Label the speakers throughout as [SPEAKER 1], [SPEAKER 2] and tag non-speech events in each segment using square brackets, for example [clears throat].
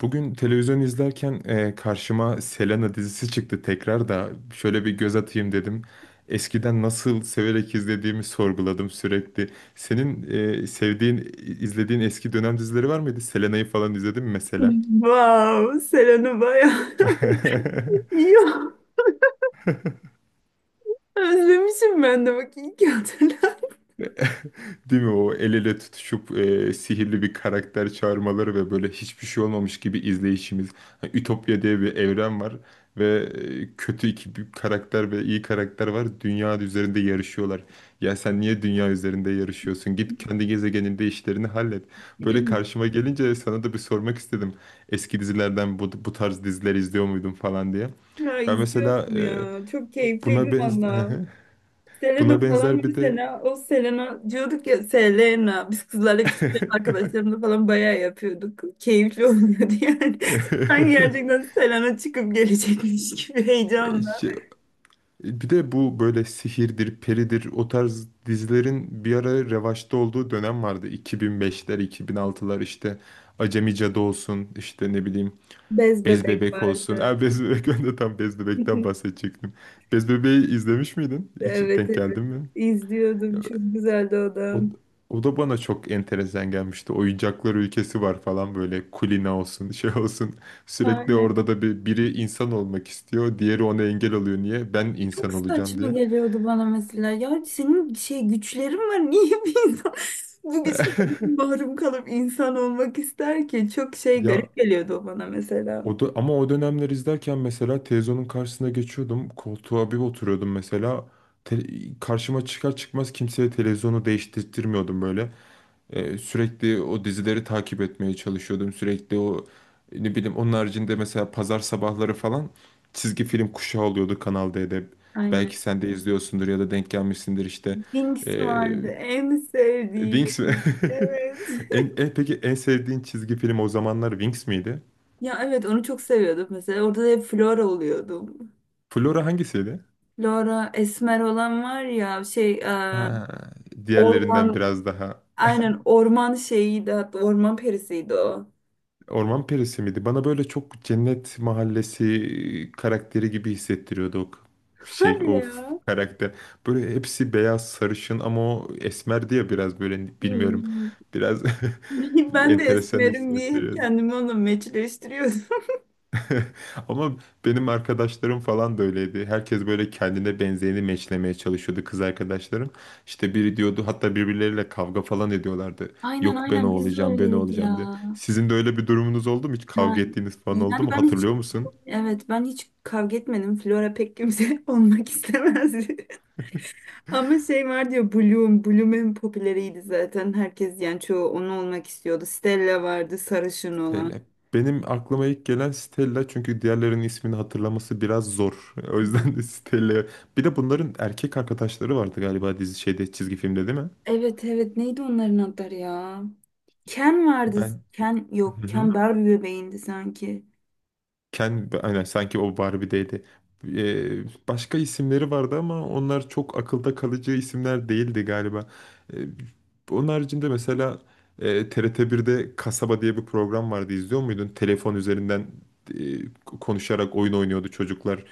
[SPEAKER 1] Bugün televizyon izlerken karşıma Selena dizisi çıktı tekrar da şöyle bir göz atayım dedim. Eskiden nasıl severek izlediğimi sorguladım sürekli. Senin sevdiğin, izlediğin eski dönem dizileri var mıydı? Selena'yı falan izledin mi mesela?
[SPEAKER 2] Wow, Selen'i bayağı
[SPEAKER 1] [laughs]
[SPEAKER 2] [laughs] iyi. Özlemişim ben de bak iyi ki hatırlattın.
[SPEAKER 1] [laughs] Değil mi o el ele tutuşup sihirli bir karakter çağırmaları ve böyle hiçbir şey olmamış gibi izleyişimiz. Hani Ütopya diye bir evren var ve kötü iki bir karakter ve iyi karakter var. Dünya üzerinde yarışıyorlar. Ya sen niye dünya üzerinde yarışıyorsun? Git kendi gezegeninde işlerini hallet. Böyle karşıma
[SPEAKER 2] [clears throat]
[SPEAKER 1] gelince sana da bir sormak istedim. Eski dizilerden bu tarz diziler izliyor muydun falan diye.
[SPEAKER 2] Ya
[SPEAKER 1] Ben mesela
[SPEAKER 2] izliyordum ya. Çok
[SPEAKER 1] buna
[SPEAKER 2] keyifliydi
[SPEAKER 1] benz
[SPEAKER 2] valla.
[SPEAKER 1] [laughs] buna
[SPEAKER 2] Selena falan
[SPEAKER 1] benzer bir de
[SPEAKER 2] mesela o Selena diyorduk ya Selena. Biz kızlarla küçükken
[SPEAKER 1] [laughs]
[SPEAKER 2] arkadaşlarımla falan bayağı yapıyorduk. Keyifli oluyordu yani. [laughs] Sanki
[SPEAKER 1] [laughs]
[SPEAKER 2] gerçekten Selena çıkıp gelecekmiş gibi
[SPEAKER 1] E,
[SPEAKER 2] heyecanla.
[SPEAKER 1] şey- Bir de bu böyle sihirdir, peridir o tarz dizilerin bir ara revaçta olduğu dönem vardı. 2005'ler, 2006'lar işte Acemi Cadı olsun, işte ne bileyim
[SPEAKER 2] Bez
[SPEAKER 1] Bez
[SPEAKER 2] bebek
[SPEAKER 1] Bebek olsun.
[SPEAKER 2] vardı.
[SPEAKER 1] Ha, Bez Bebek [laughs] ben de tam Bez Bebek'ten
[SPEAKER 2] [laughs]
[SPEAKER 1] bahsedecektim. Bez Bebek'i izlemiş miydin? Hiç
[SPEAKER 2] Evet
[SPEAKER 1] denk
[SPEAKER 2] evet.
[SPEAKER 1] geldin mi?
[SPEAKER 2] İzliyordum. Çok güzeldi o da.
[SPEAKER 1] O, o da bana çok enteresan gelmişti. Oyuncaklar ülkesi var falan böyle kulina olsun şey olsun. Sürekli
[SPEAKER 2] Aynen.
[SPEAKER 1] orada da biri insan olmak istiyor. Diğeri ona engel oluyor. Niye? Ben
[SPEAKER 2] Çok
[SPEAKER 1] insan olacağım
[SPEAKER 2] saçma
[SPEAKER 1] diye.
[SPEAKER 2] geliyordu bana mesela. Ya senin şey güçlerin var. [laughs] Niye bir insan [laughs] bu
[SPEAKER 1] [laughs]
[SPEAKER 2] güçlerden mahrum kalıp insan olmak ister ki? Çok şey
[SPEAKER 1] Ya
[SPEAKER 2] garip geliyordu o bana mesela.
[SPEAKER 1] o da, ama o dönemler izlerken mesela televizyonun karşısına geçiyordum. Koltuğa bir oturuyordum mesela. Te- Karşıma çıkar çıkmaz kimseye televizyonu değiştirtmiyordum böyle. Sürekli o dizileri takip etmeye çalışıyordum. Sürekli o ne bileyim onun haricinde mesela pazar sabahları falan çizgi film kuşağı oluyordu Kanal D'de.
[SPEAKER 2] Aynen.
[SPEAKER 1] Belki sen de izliyorsundur ya da denk gelmişsindir işte.
[SPEAKER 2] Winx
[SPEAKER 1] Ee,
[SPEAKER 2] vardı, en
[SPEAKER 1] Wings mi?
[SPEAKER 2] sevdiğim.
[SPEAKER 1] [laughs]
[SPEAKER 2] Evet. [laughs]
[SPEAKER 1] Peki en sevdiğin çizgi film o zamanlar Wings miydi?
[SPEAKER 2] Ya evet, onu çok seviyordum mesela. Orada da hep Flora oluyordum.
[SPEAKER 1] Flora hangisiydi?
[SPEAKER 2] Laura Esmer olan var ya şey
[SPEAKER 1] Ha, diğerlerinden
[SPEAKER 2] orman
[SPEAKER 1] biraz daha
[SPEAKER 2] aynen orman şeyiydi, hatta orman perisiydi o.
[SPEAKER 1] Orman Perisi miydi? Bana böyle çok Cennet Mahallesi karakteri gibi hissettiriyordu şey
[SPEAKER 2] Hadi ya.
[SPEAKER 1] karakter. Böyle hepsi beyaz sarışın ama o esmerdi ya biraz böyle bilmiyorum.
[SPEAKER 2] Hmm.
[SPEAKER 1] Biraz
[SPEAKER 2] [laughs]
[SPEAKER 1] [laughs]
[SPEAKER 2] Ben de
[SPEAKER 1] enteresan
[SPEAKER 2] Esmer'im diye hep
[SPEAKER 1] hissettiriyordu.
[SPEAKER 2] kendimi onunla meçleştiriyordum.
[SPEAKER 1] [laughs] Ama benim arkadaşlarım falan da öyleydi. Herkes böyle kendine benzeyeni meçlemeye çalışıyordu kız arkadaşlarım. İşte biri diyordu hatta birbirleriyle kavga falan ediyorlardı.
[SPEAKER 2] [laughs] Aynen
[SPEAKER 1] Yok ben o
[SPEAKER 2] aynen, biz de
[SPEAKER 1] olacağım ben o
[SPEAKER 2] öyleydik
[SPEAKER 1] olacağım diye.
[SPEAKER 2] ya.
[SPEAKER 1] Sizin de öyle bir durumunuz oldu mu? Hiç
[SPEAKER 2] Ha,
[SPEAKER 1] kavga ettiğiniz falan oldu
[SPEAKER 2] yani
[SPEAKER 1] mu?
[SPEAKER 2] ben hiç
[SPEAKER 1] Hatırlıyor musun?
[SPEAKER 2] evet, ben hiç kavga etmedim. Flora pek kimse [laughs] olmak istemezdi. [laughs] Ama şey var, diyor Bloom. Bloom en popüleriydi zaten. Herkes yani çoğu onu olmak istiyordu. Stella vardı, sarışın olan.
[SPEAKER 1] Stella. Benim aklıma ilk gelen Stella çünkü diğerlerinin ismini hatırlaması biraz zor. [laughs] O yüzden de
[SPEAKER 2] Hmm.
[SPEAKER 1] Stella. Bir de bunların erkek arkadaşları vardı galiba dizi şeyde çizgi filmde değil mi?
[SPEAKER 2] Evet evet, neydi onların adları ya? Ken vardı.
[SPEAKER 1] Ben...
[SPEAKER 2] Ken yok, Ken
[SPEAKER 1] [laughs]
[SPEAKER 2] Barbie bebeğindi sanki.
[SPEAKER 1] Aynen sanki o Barbie'deydi. Başka isimleri vardı ama onlar çok akılda kalıcı isimler değildi galiba. Ee, Onun haricinde mesela TRT birde Kasaba diye bir program vardı. İzliyor muydun? Telefon üzerinden e, konuşarak oyun oynuyordu çocuklar.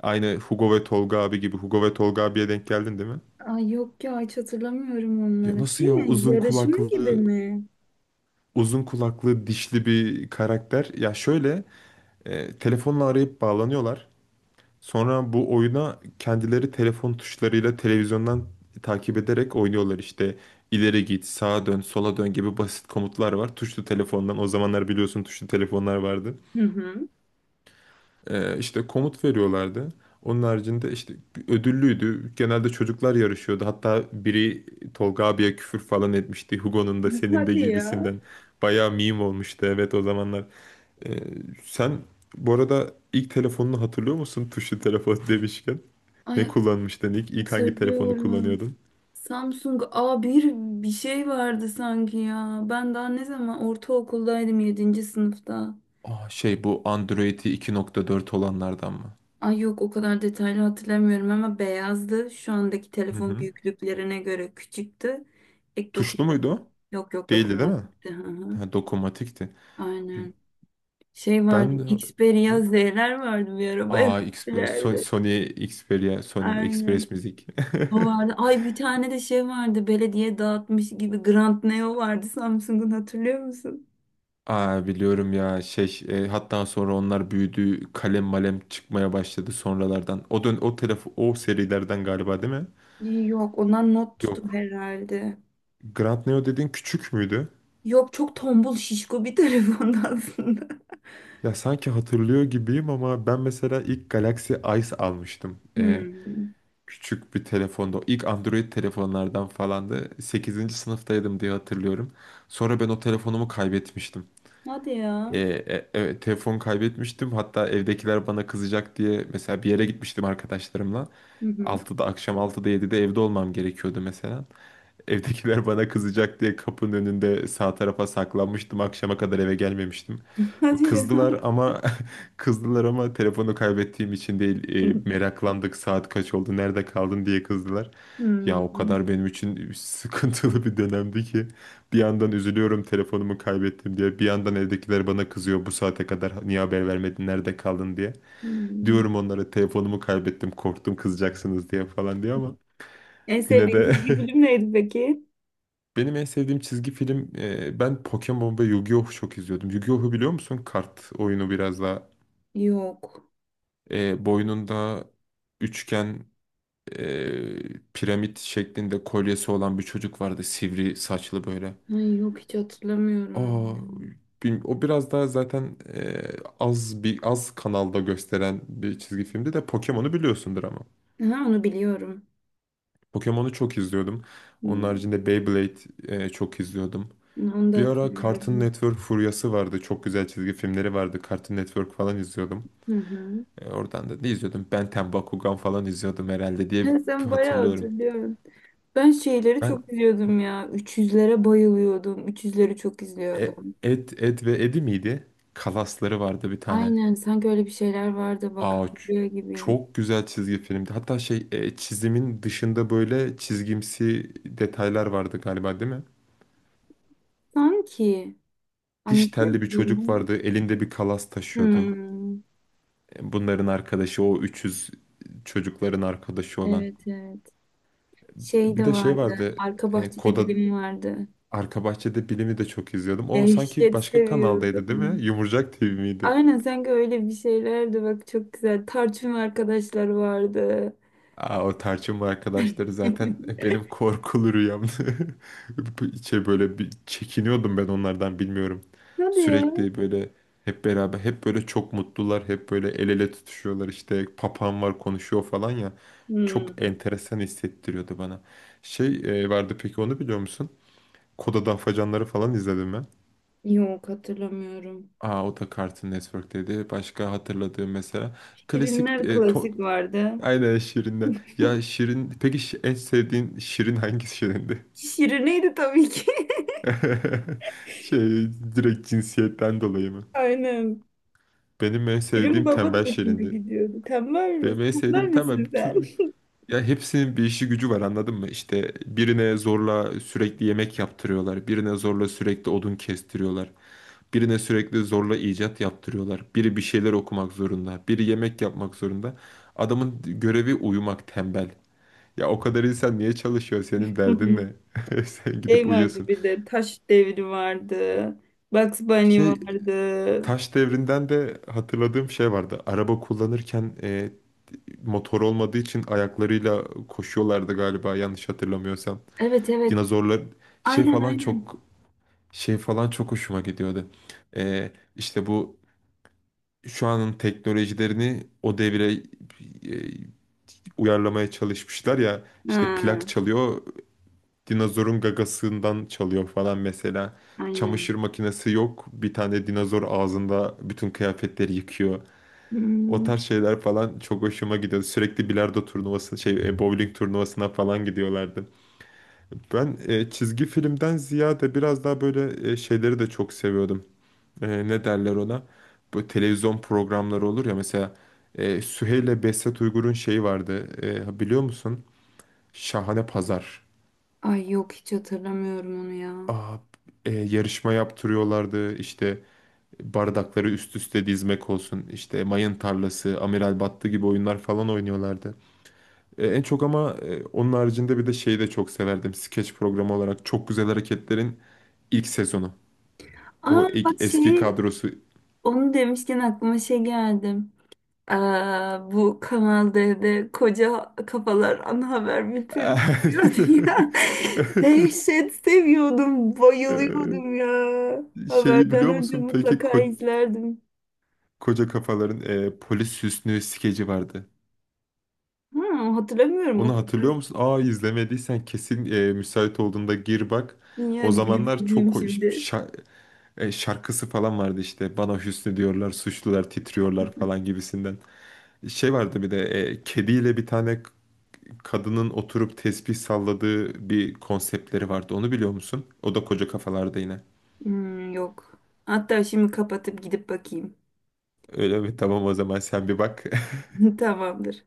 [SPEAKER 1] Aynı Hugo ve Tolga abi gibi. Hugo ve Tolga abiye denk geldin değil mi?
[SPEAKER 2] Ay yok ya, hiç hatırlamıyorum
[SPEAKER 1] Ya
[SPEAKER 2] onları.
[SPEAKER 1] nasıl
[SPEAKER 2] Şey
[SPEAKER 1] ya
[SPEAKER 2] mi?
[SPEAKER 1] uzun
[SPEAKER 2] Yarışma
[SPEAKER 1] kulaklı
[SPEAKER 2] gibi mi?
[SPEAKER 1] uzun kulaklı dişli bir karakter. Ya şöyle telefonla arayıp bağlanıyorlar. Sonra bu oyuna kendileri telefon tuşlarıyla televizyondan takip ederek oynuyorlar işte. İleri git, sağa dön, sola dön gibi basit komutlar var. Tuşlu telefondan o zamanlar biliyorsun tuşlu telefonlar vardı.
[SPEAKER 2] Hı hı.
[SPEAKER 1] İşte komut veriyorlardı. Onun haricinde işte ödüllüydü. Genelde çocuklar yarışıyordu. Hatta biri Tolga abiye küfür falan etmişti. Hugo'nun da senin de
[SPEAKER 2] Hadi ya.
[SPEAKER 1] gibisinden. Bayağı meme olmuştu, evet, o zamanlar. Ee, Sen bu arada ilk telefonunu hatırlıyor musun tuşlu telefon [laughs] demişken? Ne
[SPEAKER 2] Ay
[SPEAKER 1] kullanmıştın ilk? İlk hangi telefonu
[SPEAKER 2] hatırlıyorum.
[SPEAKER 1] kullanıyordun?
[SPEAKER 2] Samsung a bir şey vardı sanki ya. Ben daha ne zaman ortaokuldaydım, yedinci sınıfta.
[SPEAKER 1] Aa, şey, bu Android'i 2.4 olanlardan mı?
[SPEAKER 2] Ay yok, o kadar detaylı hatırlamıyorum ama beyazdı. Şu andaki
[SPEAKER 1] Hı
[SPEAKER 2] telefon
[SPEAKER 1] hı.
[SPEAKER 2] büyüklüklerine göre küçüktü. Ek
[SPEAKER 1] Tuşlu
[SPEAKER 2] dokunmatik.
[SPEAKER 1] muydu o?
[SPEAKER 2] Yok yok,
[SPEAKER 1] Değildi değil
[SPEAKER 2] dokunmatik
[SPEAKER 1] mi?
[SPEAKER 2] gitti. Hı hı.
[SPEAKER 1] Ha, dokunmatikti.
[SPEAKER 2] Aynen. Şey vardı,
[SPEAKER 1] Ben...
[SPEAKER 2] Xperia
[SPEAKER 1] Hı.
[SPEAKER 2] Z'ler vardı, bir araba
[SPEAKER 1] Xperia,
[SPEAKER 2] yapmışlardı.
[SPEAKER 1] Sony Xperia, Sony
[SPEAKER 2] Aynen.
[SPEAKER 1] Express Müzik.
[SPEAKER 2] O
[SPEAKER 1] [laughs]
[SPEAKER 2] vardı. Ay bir tane de şey vardı. Belediye dağıtmış gibi Grand Neo vardı Samsung'un, hatırlıyor musun?
[SPEAKER 1] Aa, biliyorum ya şey hatta sonra onlar büyüdü kalem malem çıkmaya başladı sonralardan. O telefon o serilerden galiba değil mi?
[SPEAKER 2] Yok, ondan not tutup
[SPEAKER 1] Yok.
[SPEAKER 2] herhalde.
[SPEAKER 1] Grand Neo dediğin küçük müydü?
[SPEAKER 2] Yok, çok tombul şişko bir [laughs] telefondu aslında.
[SPEAKER 1] Ya sanki hatırlıyor gibiyim ama ben mesela ilk Galaxy Ice almıştım.
[SPEAKER 2] Hmm.
[SPEAKER 1] Küçük bir telefonda. O İlk Android telefonlardan falandı. Sekizinci sınıftaydım diye hatırlıyorum. Sonra ben o telefonumu kaybetmiştim.
[SPEAKER 2] Hadi ya.
[SPEAKER 1] Evet, telefon kaybetmiştim. Hatta evdekiler bana kızacak diye mesela bir yere gitmiştim arkadaşlarımla.
[SPEAKER 2] Hı hı.
[SPEAKER 1] Akşam 6'da 7'de evde olmam gerekiyordu mesela. Evdekiler bana kızacak diye kapının önünde sağ tarafa saklanmıştım. Akşama kadar eve gelmemiştim.
[SPEAKER 2] Hadi ya.
[SPEAKER 1] Kızdılar ama [laughs] kızdılar ama telefonu kaybettiğim için değil.
[SPEAKER 2] [laughs]
[SPEAKER 1] Meraklandık saat kaç oldu, nerede kaldın diye kızdılar. Ya o
[SPEAKER 2] Hmm.
[SPEAKER 1] kadar benim için [laughs] sıkıntılı bir dönemdi ki bir yandan üzülüyorum telefonumu kaybettim diye bir yandan evdekiler bana kızıyor bu saate kadar niye haber vermedin nerede kaldın diye.
[SPEAKER 2] Hmm.
[SPEAKER 1] Diyorum onlara telefonumu kaybettim korktum kızacaksınız diye falan diye ama
[SPEAKER 2] En
[SPEAKER 1] yine
[SPEAKER 2] sevdiğin
[SPEAKER 1] de
[SPEAKER 2] çizgi film
[SPEAKER 1] [laughs]
[SPEAKER 2] neydi peki?
[SPEAKER 1] Benim en sevdiğim çizgi film ben Pokemon ve Yu-Gi-Oh çok izliyordum. Yu-Gi-Oh'u biliyor musun? Kart oyunu biraz daha
[SPEAKER 2] Yok.
[SPEAKER 1] boynunda üçgen piramit şeklinde kolyesi olan bir çocuk vardı. Sivri saçlı böyle.
[SPEAKER 2] Ay yok, hiç hatırlamıyorum onu.
[SPEAKER 1] Aa, o biraz daha zaten az bir az kanalda gösteren bir çizgi filmdi de Pokemon'u biliyorsundur ama.
[SPEAKER 2] Ya, aha, onu biliyorum.
[SPEAKER 1] Pokemon'u çok izliyordum. Onun
[SPEAKER 2] Hmm.
[SPEAKER 1] haricinde Beyblade çok izliyordum.
[SPEAKER 2] Onu da
[SPEAKER 1] Bir ara Cartoon
[SPEAKER 2] hatırlıyorum.
[SPEAKER 1] Network furyası vardı. Çok güzel çizgi filmleri vardı. Cartoon Network falan izliyordum.
[SPEAKER 2] Hı hı.
[SPEAKER 1] Oradan da ne izliyordum? Ben 10, Bakugan falan izliyordum herhalde diye
[SPEAKER 2] Ha, sen bayağı
[SPEAKER 1] hatırlıyorum.
[SPEAKER 2] hatırlıyorsun. Ben şeyleri
[SPEAKER 1] Ben
[SPEAKER 2] çok izliyordum ya. Üç yüzlere bayılıyordum. Üç yüzleri çok
[SPEAKER 1] e,
[SPEAKER 2] izliyordum.
[SPEAKER 1] Ed, Ed ve Eddie miydi? Kalasları vardı bir tane.
[SPEAKER 2] Aynen, sanki öyle bir şeyler vardı, bak
[SPEAKER 1] Aa,
[SPEAKER 2] hatırlıyor gibiyim.
[SPEAKER 1] çok güzel çizgi filmdi. Hatta şey çizimin dışında böyle çizgimsi detaylar vardı galiba değil mi?
[SPEAKER 2] Sanki
[SPEAKER 1] Diş
[SPEAKER 2] anlatıyor
[SPEAKER 1] telli bir
[SPEAKER 2] gibiyim
[SPEAKER 1] çocuk
[SPEAKER 2] ama.
[SPEAKER 1] vardı. Elinde bir kalas taşıyordu.
[SPEAKER 2] Hmm.
[SPEAKER 1] Bunların arkadaşı o 300 çocukların arkadaşı olan.
[SPEAKER 2] Evet evet. Şey
[SPEAKER 1] Bir
[SPEAKER 2] de
[SPEAKER 1] de şey
[SPEAKER 2] vardı,
[SPEAKER 1] vardı.
[SPEAKER 2] arka
[SPEAKER 1] E,
[SPEAKER 2] bahçede
[SPEAKER 1] Koda
[SPEAKER 2] bilim vardı.
[SPEAKER 1] Arka Bahçede Bilim'i de çok izliyordum. O sanki
[SPEAKER 2] Dehşet
[SPEAKER 1] başka kanaldaydı değil mi?
[SPEAKER 2] seviyordum.
[SPEAKER 1] Yumurcak TV miydi?
[SPEAKER 2] Aynen, sanki öyle bir şeylerdi bak, çok güzel. Tarçın arkadaşları vardı.
[SPEAKER 1] Aa, o tarçınlı arkadaşları zaten [laughs]
[SPEAKER 2] [laughs]
[SPEAKER 1] benim korkulu rüyamdı. [laughs] Şey böyle bir çekiniyordum ben onlardan bilmiyorum.
[SPEAKER 2] Hadi ya.
[SPEAKER 1] Sürekli böyle hep beraber hep böyle çok mutlular. Hep böyle el ele tutuşuyorlar işte papağan var konuşuyor falan ya. Çok
[SPEAKER 2] Hmm,
[SPEAKER 1] enteresan hissettiriyordu bana. Şey vardı peki onu biliyor musun? Koda Afacanları falan izledim mi?
[SPEAKER 2] yok hatırlamıyorum.
[SPEAKER 1] Aa, o da Cartoon Network'teydi. Başka hatırladığım mesela. Klasik
[SPEAKER 2] Şirinler
[SPEAKER 1] e, to-
[SPEAKER 2] klasik vardı.
[SPEAKER 1] Aynen Şirin'de. Ya Şirin... Peki en sevdiğin Şirin hangisi Şirin'di?
[SPEAKER 2] Şirine'ydi tabii ki.
[SPEAKER 1] [laughs] Şey, direkt cinsiyetten dolayı mı?
[SPEAKER 2] [laughs] Aynen.
[SPEAKER 1] Benim en
[SPEAKER 2] Şirin
[SPEAKER 1] sevdiğim
[SPEAKER 2] Baba da
[SPEAKER 1] tembel
[SPEAKER 2] hoşuma
[SPEAKER 1] Şirin'di.
[SPEAKER 2] gidiyordu. Tembel
[SPEAKER 1] Benim
[SPEAKER 2] misin?
[SPEAKER 1] en
[SPEAKER 2] Tembel
[SPEAKER 1] sevdiğim tembel
[SPEAKER 2] misin sen?
[SPEAKER 1] tüm... Ya hepsinin bir işi gücü var anladın mı? İşte birine zorla sürekli yemek yaptırıyorlar. Birine zorla sürekli odun kestiriyorlar. Birine sürekli zorla icat yaptırıyorlar. Biri bir şeyler okumak zorunda. Biri yemek yapmak zorunda. Adamın görevi uyumak tembel. Ya o kadar insan niye çalışıyor? Senin derdin
[SPEAKER 2] [laughs]
[SPEAKER 1] ne? [laughs] Sen gidip
[SPEAKER 2] Şey vardı
[SPEAKER 1] uyuyorsun.
[SPEAKER 2] bir de, taş devri vardı. Bugs Bunny
[SPEAKER 1] Şey
[SPEAKER 2] vardı.
[SPEAKER 1] taş devrinden de hatırladığım şey vardı. Araba kullanırken motor olmadığı için ayaklarıyla koşuyorlardı galiba yanlış hatırlamıyorsam.
[SPEAKER 2] Evet evet.
[SPEAKER 1] Dinozorlar şey
[SPEAKER 2] Aynen
[SPEAKER 1] falan
[SPEAKER 2] aynen.
[SPEAKER 1] çok şey falan çok hoşuma gidiyordu. İşte bu şu anın teknolojilerini o devire uyarlamaya çalışmışlar ya işte
[SPEAKER 2] Ha,
[SPEAKER 1] plak çalıyor dinozorun gagasından çalıyor falan mesela
[SPEAKER 2] aynen.
[SPEAKER 1] çamaşır makinesi yok bir tane dinozor ağzında bütün kıyafetleri yıkıyor o
[SPEAKER 2] Hmm.
[SPEAKER 1] tarz şeyler falan çok hoşuma gidiyor sürekli bilardo turnuvası şey bowling turnuvasına falan gidiyorlardı ben çizgi filmden ziyade biraz daha böyle şeyleri de çok seviyordum ne derler ona? Bu televizyon programları olur ya mesela Süheyl Besset Uygur'un şeyi vardı. Biliyor musun? Şahane Pazar.
[SPEAKER 2] Ay yok, hiç hatırlamıyorum onu ya.
[SPEAKER 1] Aa, yarışma yaptırıyorlardı. İşte bardakları üst üste dizmek olsun. İşte mayın tarlası, Amiral Battı gibi oyunlar falan oynuyorlardı. En çok ama onun haricinde bir de şeyi de çok severdim. Skeç programı olarak Çok Güzel Hareketler'in ilk sezonu.
[SPEAKER 2] Aa
[SPEAKER 1] O
[SPEAKER 2] bak,
[SPEAKER 1] ilk eski
[SPEAKER 2] şeyi
[SPEAKER 1] kadrosu.
[SPEAKER 2] onu demişken aklıma şey geldi. Aa, bu Kanal D'de koca kafalar ana haber bülteni yapıyordu ya. [laughs] Dehşet seviyordum,
[SPEAKER 1] [laughs]
[SPEAKER 2] bayılıyordum ya.
[SPEAKER 1] Şeyi
[SPEAKER 2] Haberden
[SPEAKER 1] biliyor
[SPEAKER 2] önce
[SPEAKER 1] musun? Peki
[SPEAKER 2] mutlaka izlerdim.
[SPEAKER 1] koca kafaların polis Hüsnü skeci vardı.
[SPEAKER 2] Ha, hatırlamıyorum o
[SPEAKER 1] Onu
[SPEAKER 2] kadar.
[SPEAKER 1] hatırlıyor musun? Aa, izlemediysen kesin müsait olduğunda gir bak.
[SPEAKER 2] Dünya
[SPEAKER 1] O
[SPEAKER 2] gidip
[SPEAKER 1] zamanlar
[SPEAKER 2] izleyeyim
[SPEAKER 1] çok
[SPEAKER 2] şimdi.
[SPEAKER 1] şarkısı falan vardı işte. Bana Hüsnü diyorlar, suçlular titriyorlar falan gibisinden. Şey vardı bir de kediyle bir tane kadının oturup tesbih salladığı bir konseptleri vardı. Onu biliyor musun? O da koca kafalarda yine.
[SPEAKER 2] Hmm, yok. Hatta şimdi kapatıp gidip bakayım.
[SPEAKER 1] Öyle mi? Tamam o zaman sen bir bak.
[SPEAKER 2] [laughs] Tamamdır.